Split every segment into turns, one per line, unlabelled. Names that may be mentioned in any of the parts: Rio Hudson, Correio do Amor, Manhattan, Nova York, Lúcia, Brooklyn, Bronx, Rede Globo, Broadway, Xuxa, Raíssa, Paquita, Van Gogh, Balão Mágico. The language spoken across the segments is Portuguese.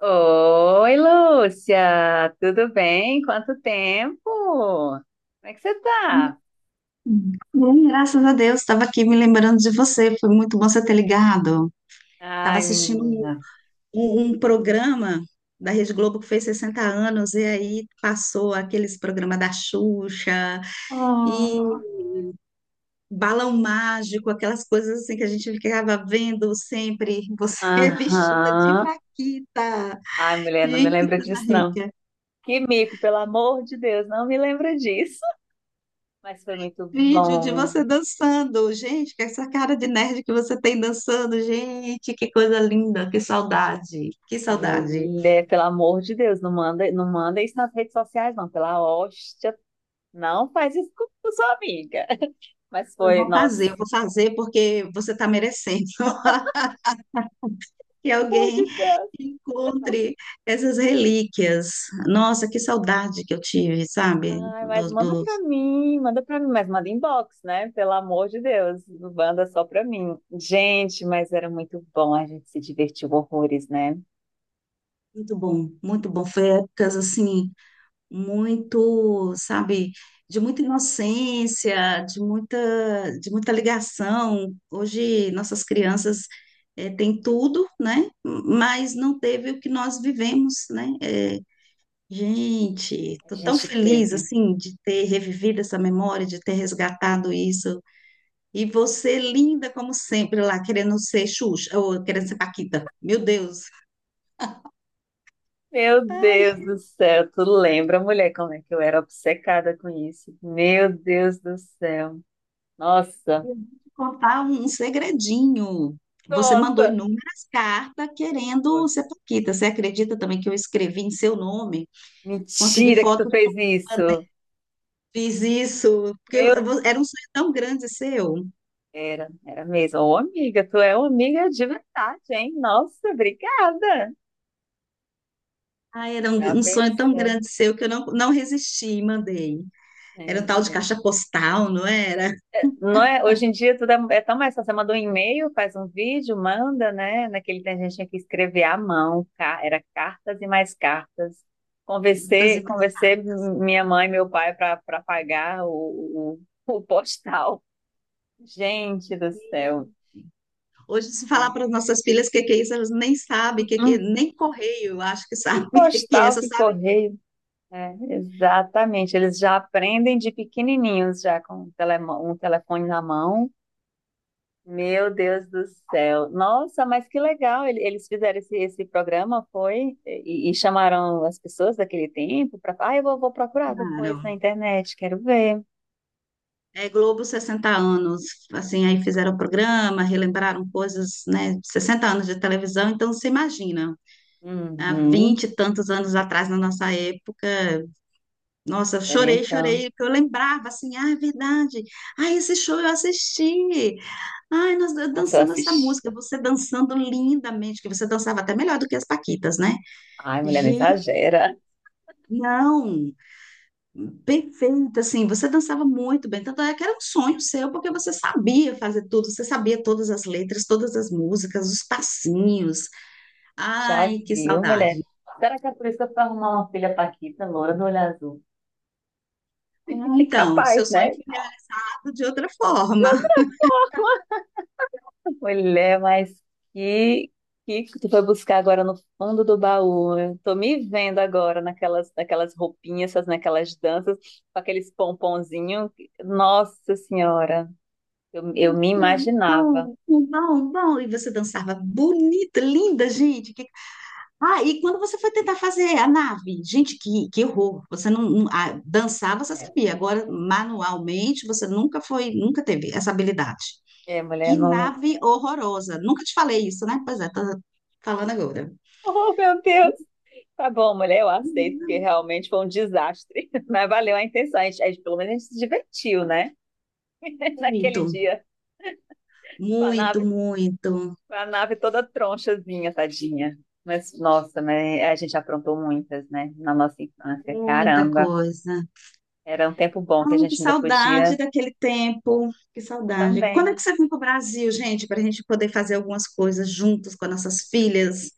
Oi, Lúcia, tudo bem? Quanto tempo? Como é que você tá?
Bom, graças a Deus, estava aqui me lembrando de você. Foi muito bom você ter ligado. Estava
Ai,
assistindo um,
menina.
um- um programa da Rede Globo que fez 60 anos, e aí passou aqueles programas da Xuxa
Oh.
e Balão Mágico, aquelas coisas assim que a gente ficava vendo sempre, você vestida de
Aham.
Paquita.
Ai, mulher, não me
Gente, que
lembra
coisa
disso, não.
rica.
Que mico, pelo amor de Deus, não me lembra disso. Mas foi muito
Vídeo de
bom,
você dançando. Gente, que é essa cara de nerd que você tem dançando. Gente, que coisa linda, que saudade, que saudade.
mulher, pelo amor de Deus, não manda, não manda isso nas redes sociais, não, pela hóstia. Não faz isso com sua amiga. Mas foi, nossa,
Eu vou fazer porque você está merecendo que
pelo amor de
alguém
Deus.
encontre essas relíquias. Nossa, que saudade que eu tive, sabe?
Ai, mas manda pra mim, mas manda inbox, né? Pelo amor de Deus, manda só pra mim. Gente, mas era muito bom, a gente se divertiu horrores, né?
Muito bom, muito bom. Foi épocas assim muito, sabe, de muita inocência, de muita ligação. Hoje nossas crianças têm tudo, né? Mas não teve o que nós vivemos, né? Gente,
A
estou tão
gente
feliz
teve.
assim de ter revivido essa memória, de ter resgatado isso. E você linda como sempre lá, querendo ser Xuxa, ou querendo ser Paquita. Meu Deus.
Meu Deus do céu, tu lembra, mulher, como é que eu era obcecada com isso? Meu Deus do céu. Nossa,
Contar um segredinho. Você mandou
conta.
inúmeras cartas querendo
Pô,
ser Paquita. Você acredita também que eu escrevi em seu nome? Consegui
mentira que tu
fotos,
fez isso.
fiz isso. Porque
Meu,
era um sonho tão grande seu.
era mesmo. Ô, amiga, tu é uma amiga de verdade, hein? Nossa, obrigada.
Ah, era um,
Já
um sonho tão
pensou?
grande seu que eu não resisti e mandei.
É,
Era um tal de
mulher.
caixa postal, não era?
Não é, hoje em dia tudo é tão mais fácil. Você manda um e-mail, faz um vídeo, manda, né? Naquele tempo a gente tinha que escrever à mão, era cartas e mais cartas.
Muitas
Conversei minha mãe e meu pai para pagar o, o postal. Gente do céu.
Hoje, se falar
Mas,
para as nossas filhas o que que é isso, elas nem sabem,
hum, hum.
nem correio, eu acho que
Que
sabem o que que é,
postal,
só
que
sabem.
correio. É, exatamente. Eles já aprendem de pequenininhos, já com um telefone na mão. Meu Deus do céu. Nossa, mas que legal. Eles fizeram esse programa, foi? E chamaram as pessoas daquele tempo para. Ah, eu vou procurar depois
Claro.
na internet, quero ver.
É Globo 60 anos, assim, aí fizeram o programa, relembraram coisas, né, sessenta anos de televisão, então você imagina, há
Uhum.
20 e tantos anos atrás, na nossa época. Nossa, eu
Pera
chorei,
então.
chorei, porque eu lembrava assim, ah, é verdade. Ah, esse show eu assisti. Ai, nós
Nossa, eu
dançamos essa
assisti.
música, você dançando lindamente, que você dançava até melhor do que as Paquitas, né?
Ai, mulher, não
Gi,
exagera.
não, perfeito, assim, você dançava muito bem, tanto é que era um sonho seu, porque você sabia fazer tudo, você sabia todas as letras, todas as músicas, os passinhos.
Já
Ai, que
viu, mulher?
saudade.
Será que é por isso que eu fui arrumar uma filha paquita, loura do olho azul?
Então, seu
Capaz,
sonho
né?
foi realizado de outra forma.
Mulher, mas que, que tu foi buscar agora no fundo do baú? Eu tô me vendo agora naquelas roupinhas, naquelas danças, com aqueles pomponzinhos. Nossa Senhora, eu me
Bom,
imaginava.
bom, bom, bom. E você dançava bonita, linda, gente. Ah, e quando você foi tentar fazer a nave? Gente, que horror. Você dançar, você
É,
sabia. Agora, manualmente, você nunca foi, nunca teve essa habilidade.
é, mulher,
Que
não.
nave horrorosa. Nunca te falei isso, né? Pois é, tô falando agora.
Oh, meu Deus! Tá bom, mulher, eu aceito, porque
Muito,
realmente foi um desastre. Mas valeu a intenção. Pelo menos a gente se divertiu, né? Naquele dia, com a
muito,
nave.
muito,
A nave toda tronchazinha, tadinha. Mas, nossa, mas a gente aprontou muitas, né? Na nossa infância.
muita
Caramba.
coisa.
Era um tempo bom que a
Ai, que
gente ainda
saudade
podia
daquele tempo, que saudade. Quando é que
também.
você vem para o Brasil, gente, para a gente poder fazer algumas coisas juntos com as nossas filhas?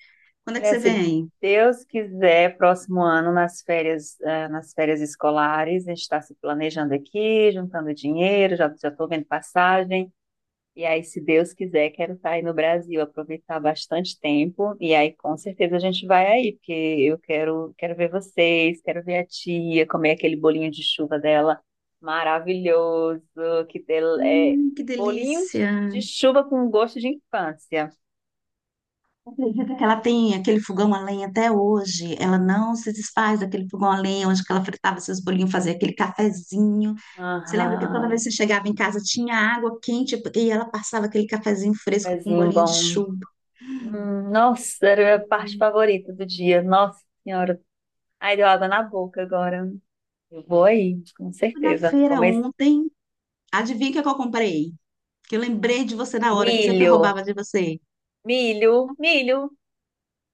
Quando é que
Mulher,
você
se
vem?
Deus quiser, próximo ano, nas férias escolares, a gente está se planejando aqui, juntando dinheiro, já já estou vendo passagem. E aí, se Deus quiser, quero estar aí no Brasil, aproveitar bastante tempo. E aí, com certeza, a gente vai aí, porque eu quero ver vocês, quero ver a tia, comer aquele bolinho de chuva dela maravilhoso, é
Que
bolinho
delícia.
de chuva com gosto de infância.
Acredita que ela tem aquele fogão a lenha até hoje. Ela não se desfaz daquele fogão a lenha onde que ela fritava seus bolinhos, fazia aquele cafezinho. Você lembra que toda
Aham,
vez que você chegava em casa tinha água quente e ela passava aquele cafezinho fresco com um
pezinho
bolinho de
bom.
chuva.
Nossa, era a parte favorita do dia. Nossa Senhora. Ai, deu água na boca agora. Eu vou aí, com
Fui na
certeza.
feira
Comer
ontem, adivinha o que é que eu comprei? Que eu lembrei de você na hora, que eu sempre
milho.
roubava de você.
Milho, milho,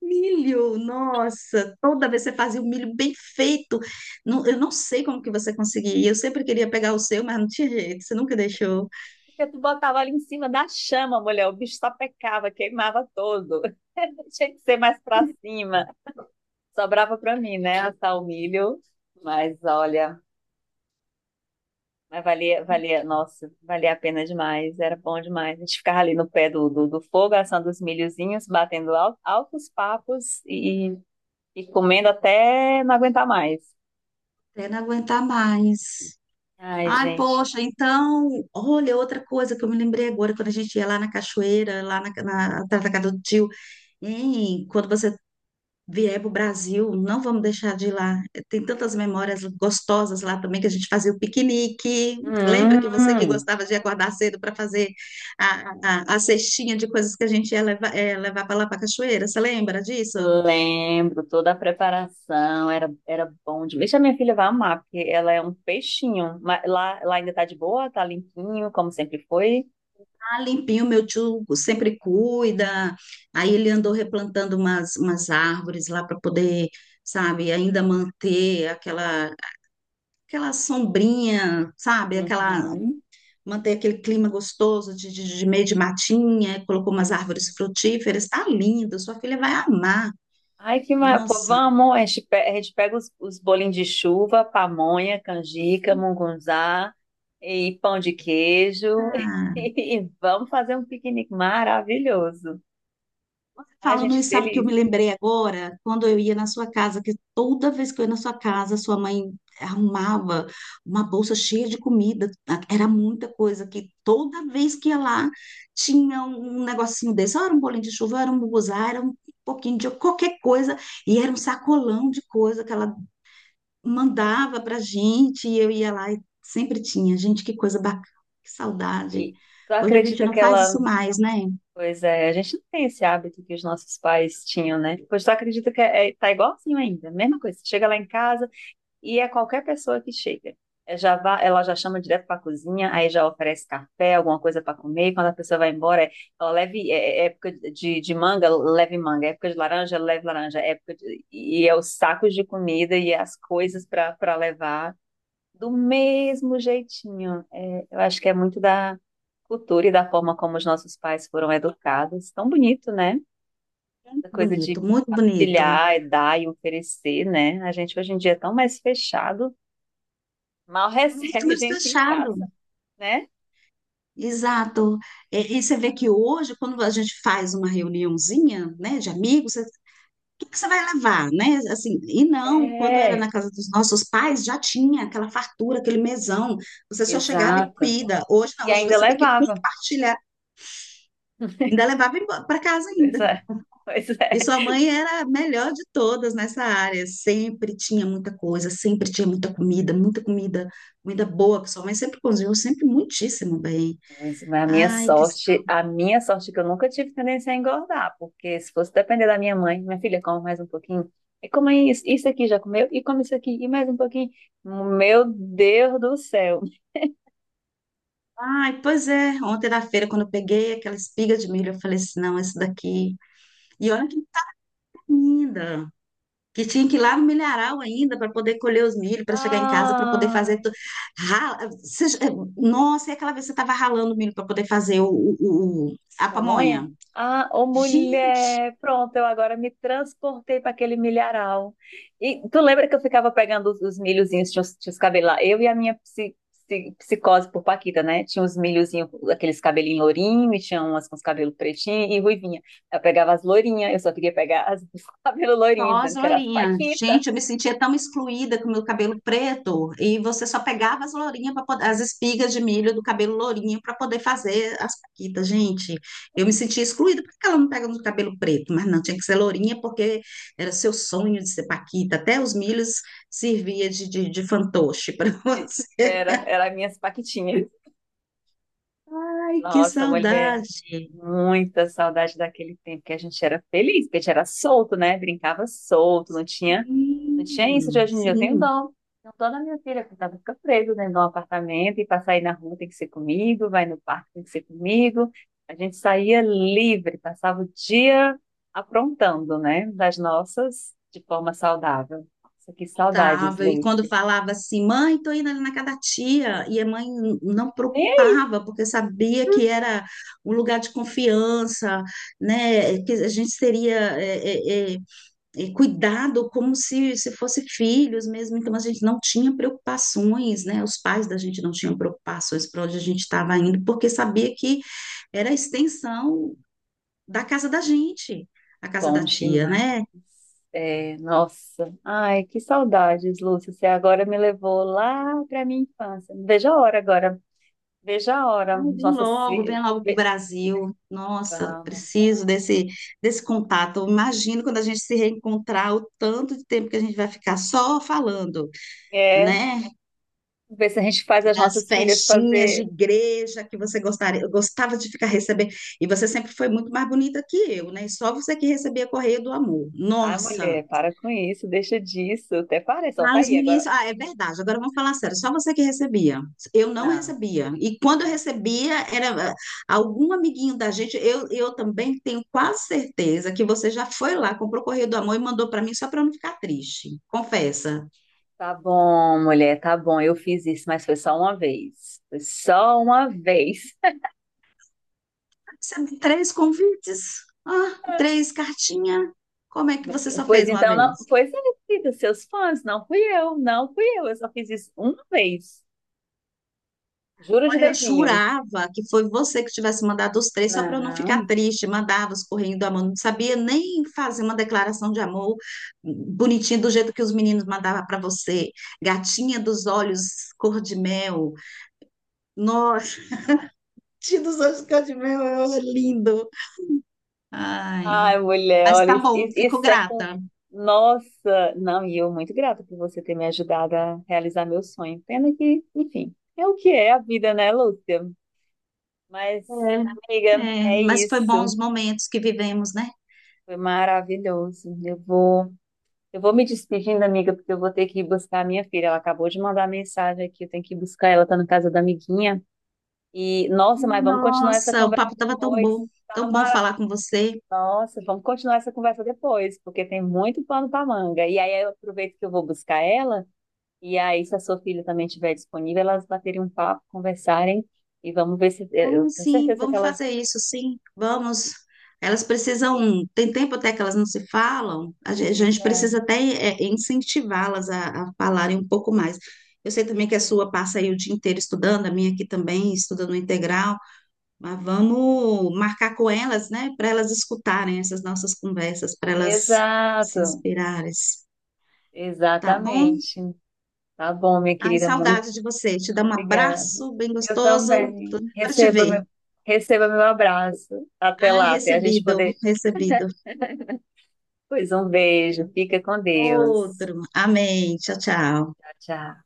Milho, nossa, toda vez você fazia o milho bem feito. Eu não sei como que você conseguia. Eu sempre queria pegar o seu, mas não tinha jeito, você nunca deixou.
porque tu botava ali em cima da chama, mulher, o bicho só pecava, queimava todo. Tinha que ser mais pra cima. Sobrava pra mim, né, assar o milho. Mas olha, mas valia, nossa, valia a pena demais, era bom demais. A gente ficava ali no pé do fogo, assando os milhozinhos, batendo altos papos e comendo até não aguentar mais.
Até não aguentar mais.
Ai,
Ai,
gente.
poxa, então, olha, outra coisa que eu me lembrei agora, quando a gente ia lá na cachoeira, lá na, atrás da casa do tio, hein, quando você vier para o Brasil, não vamos deixar de ir lá. Tem tantas memórias gostosas lá também que a gente fazia o piquenique. Lembra
Hum.
que você que
Hum.
gostava de acordar cedo para fazer a cestinha de coisas que a gente ia levar para lá para a cachoeira? Você lembra disso?
Lembro, toda a preparação era bom demais. Deixa, a minha filha vai amar, porque ela é um peixinho. Mas lá ainda tá de boa, tá limpinho, como sempre foi.
Ah, limpinho, meu tio sempre cuida. Aí ele andou replantando umas árvores lá para poder, sabe, ainda manter aquela sombrinha, sabe, aquela
Uhum,
manter aquele clima gostoso de meio de matinha, colocou umas árvores
uhum.
frutíferas, tá lindo, sua filha vai amar.
Ai, que maravilha. Pô,
Nossa,
vamos, a gente pega os bolinhos de chuva, pamonha, canjica, mungunzá e pão de queijo
tá.
e vamos fazer um piquenique maravilhoso. Ai,
Falando
gente, que
isso, sabe o que eu me
delícia.
lembrei agora? Quando eu ia na sua casa, que toda vez que eu ia na sua casa, sua mãe arrumava uma bolsa cheia de comida, era muita coisa, que toda vez que ia lá, tinha um negocinho desse, ou era um bolinho de chuva, ou era um buguzá, era um pouquinho de qualquer coisa, e era um sacolão de coisa que ela mandava pra gente e eu ia lá e sempre tinha. Gente, que coisa bacana, que saudade.
E tu
Hoje a gente
acredita
não
que
faz
ela.
isso mais, né?
Pois é, a gente não tem esse hábito que os nossos pais tinham, né? Pois tu acredita que tá igualzinho ainda, mesma coisa. Você chega lá em casa e é qualquer pessoa que chega. É, já vá, ela já chama direto para a cozinha, aí já oferece café, alguma coisa para comer. Quando a pessoa vai embora, é, ó, leve, é época de manga, leve manga. É época de laranja, leve laranja. É época e é os sacos de comida e as coisas para levar do mesmo jeitinho. É, eu acho que é muito da cultura e da forma como os nossos pais foram educados. Tão bonito, né?
Muito
Essa coisa
bonito,
de
muito bonito.
partilhar, e dar e oferecer, né? A gente hoje em dia é tão mais fechado, mal
Muito
recebe
mais
gente em casa,
fechado.
né?
Exato. É, e, você vê que hoje, quando a gente faz uma reuniãozinha, né, de amigos, o que que você vai levar, né? Assim, e não, quando era
É,
na casa dos nossos pais, já tinha aquela fartura, aquele mesão. Você só chegava e
exato.
comida. Hoje não,
E
hoje
ainda
você tem que
levava.
compartilhar. Ainda levava para casa
Pois
ainda.
é, pois
E
é.
sua mãe era a melhor de todas nessa área, sempre tinha muita coisa, sempre tinha muita comida, comida boa, que sua mãe sempre cozinhou, sempre muitíssimo bem.
Pois, mas a minha
Ai, que. sa-
sorte, a minha sorte é que eu nunca tive tendência a engordar, porque se fosse depender da minha mãe, minha filha, come mais um pouquinho, e come isso, isso aqui já comeu, e come isso aqui, e mais um pouquinho. Meu Deus do céu.
Ai, pois é, ontem na feira, quando eu peguei aquela espiga de milho, eu falei assim: não, esse daqui. E olha que linda, que tinha que ir lá no milharal ainda para poder colher os milho, para chegar em casa, para poder fazer
Ai.
tudo. Rala... Você- Nossa, e aquela vez você estava ralando o milho para poder fazer a
Pamonha?
pamonha?
Ah, ô
Gente,
mulher, pronto, eu agora me transportei para aquele milharal. E tu lembra que eu ficava pegando os milhozinhos, tinha os cabelo lá? Eu e a minha psicose por Paquita, né? Tinha os milhozinhos, aqueles cabelinhos lourinhos, e tinha umas com os cabelos pretinhos e ruivinha. Eu pegava as lourinhas, eu só queria pegar as, os cabelos lourinhos,
pós
dizendo que era as
loirinha.
Paquita.
Gente, eu me sentia tão excluída com o meu cabelo preto. E você só pegava as lourinhas para poder, as espigas de milho do cabelo lourinho para poder fazer as paquitas. Gente, eu me sentia excluída. Por que ela não pega no cabelo preto? Mas não, tinha que ser lourinha porque era seu sonho de ser paquita. Até os milhos servia de fantoche para
De-
você.
era as minhas Paquitinhas.
Ai, que
Nossa, mulher.
saudade.
Muita saudade daquele tempo que a gente era feliz, porque a gente era solto, né? Brincava solto, não tinha isso de hoje em dia. Eu tenho
Sim.
dó. Tenho dó da minha filha, que tava, fica presa dentro de um apartamento e para sair na rua tem que ser comigo, vai no parque tem que ser comigo. A gente saía livre, passava o dia aprontando, né? Das nossas, de forma saudável. Nossa, que saudades,
Contava, e quando
Lúcia.
falava assim, mãe, tô indo ali na casa da tia, e a mãe não preocupava, porque sabia que era um lugar de confiança, né, que a gente teria cuidado como se fosse filhos mesmo, então a gente não tinha preocupações, né, os pais da gente não tinham preocupações para onde a gente estava indo, porque sabia que era a extensão da casa da gente, a casa da
Bom
tia,
demais.
né.
É, nossa, ai, que saudades, Lúcia. Você agora me levou lá para minha infância. Veja a hora agora, veja a hora.
Ai,
Nossas filhas.
vem logo para o Brasil. Nossa,
Vamos.
preciso desse contato. Eu imagino quando a gente se reencontrar, o tanto de tempo que a gente vai ficar só falando,
É,
né?
ver se a gente faz as
Das
nossas filhas
festinhas de
fazer.
igreja que você gostaria, eu gostava de ficar recebendo. E você sempre foi muito mais bonita que eu, né? Só você que recebia correio do amor.
Ai,
Nossa!
mulher, para com isso, deixa disso. Até parece, ó,
Ah,
tá
os
aí agora.
meninos. Ah, é verdade. Agora vamos falar sério. Só você que recebia. Eu não
Não,
recebia. E quando eu
não.
recebia, era algum amiguinho da gente. Eu também tenho quase certeza que você já foi lá, comprou o Correio do Amor e mandou para mim só para eu não ficar triste. Confessa.
Tá bom, mulher, tá bom. Eu fiz isso, mas foi só uma vez. Foi só uma vez.
Recebi três convites. Ah, três cartinhas. Como é que você só
Pois
fez uma
então, não,
vez?
pois é, querida, seus fãs, não fui eu, não fui eu só fiz isso uma vez. Juro de
Olha, eu
dedinho.
jurava que foi você que tivesse mandado os três só para eu não ficar
Não.
triste. Mandava os correndo da mão, não sabia nem fazer uma declaração de amor bonitinha do jeito que os meninos mandavam para você. Gatinha dos olhos cor de mel. Nossa, gatinha dos olhos cor de mel é lindo. Ai,
Ai, mulher,
mas
olha,
tá
isso,
bom, fico
isso é com.
grata.
Nossa! Não, e eu muito grata por você ter me ajudado a realizar meu sonho. Pena que, enfim, é o que é a vida, né, Lúcia? Mas, amiga,
É, é,
é
mas foi bom
isso.
os momentos que vivemos, né?
Foi maravilhoso. Eu vou me despedindo, amiga, porque eu vou ter que ir buscar a minha filha. Ela acabou de mandar mensagem aqui, eu tenho que ir buscar ela, tá na casa da amiguinha. E, nossa, mas vamos continuar essa
Nossa, o
conversa
papo estava
depois. Tá
tão bom
mara...
falar com você.
Nossa, vamos continuar essa conversa depois, porque tem muito pano pra manga. E aí eu aproveito que eu vou buscar ela, e aí se a sua filha também estiver disponível, elas baterem um papo, conversarem, e vamos ver se... Eu
Ah,
tenho
sim,
certeza que
vamos
elas...
fazer isso, sim, vamos. Elas precisam, tem tempo até que elas não se falam, a gen- a
Pois
gente,
é.
precisa até incentivá-las a falarem um pouco mais. Eu sei também que a sua passa aí o dia inteiro estudando, a minha aqui também, estuda no integral, mas vamos marcar com elas, né, para elas escutarem essas nossas conversas, para elas se
Exato,
inspirarem, tá bom?
exatamente. Tá bom, minha
Ai,
querida, muito
saudade de você, te dá um
obrigada.
abraço bem
Eu
gostoso, tô
também.
para te
Receba meu,
ver.
receba meu abraço. Até
Ai,
lá, até a gente
recebido,
poder.
recebido.
Pois um beijo. Fica com Deus.
Outro. Amém. Tchau, tchau.
Tchau, tchau.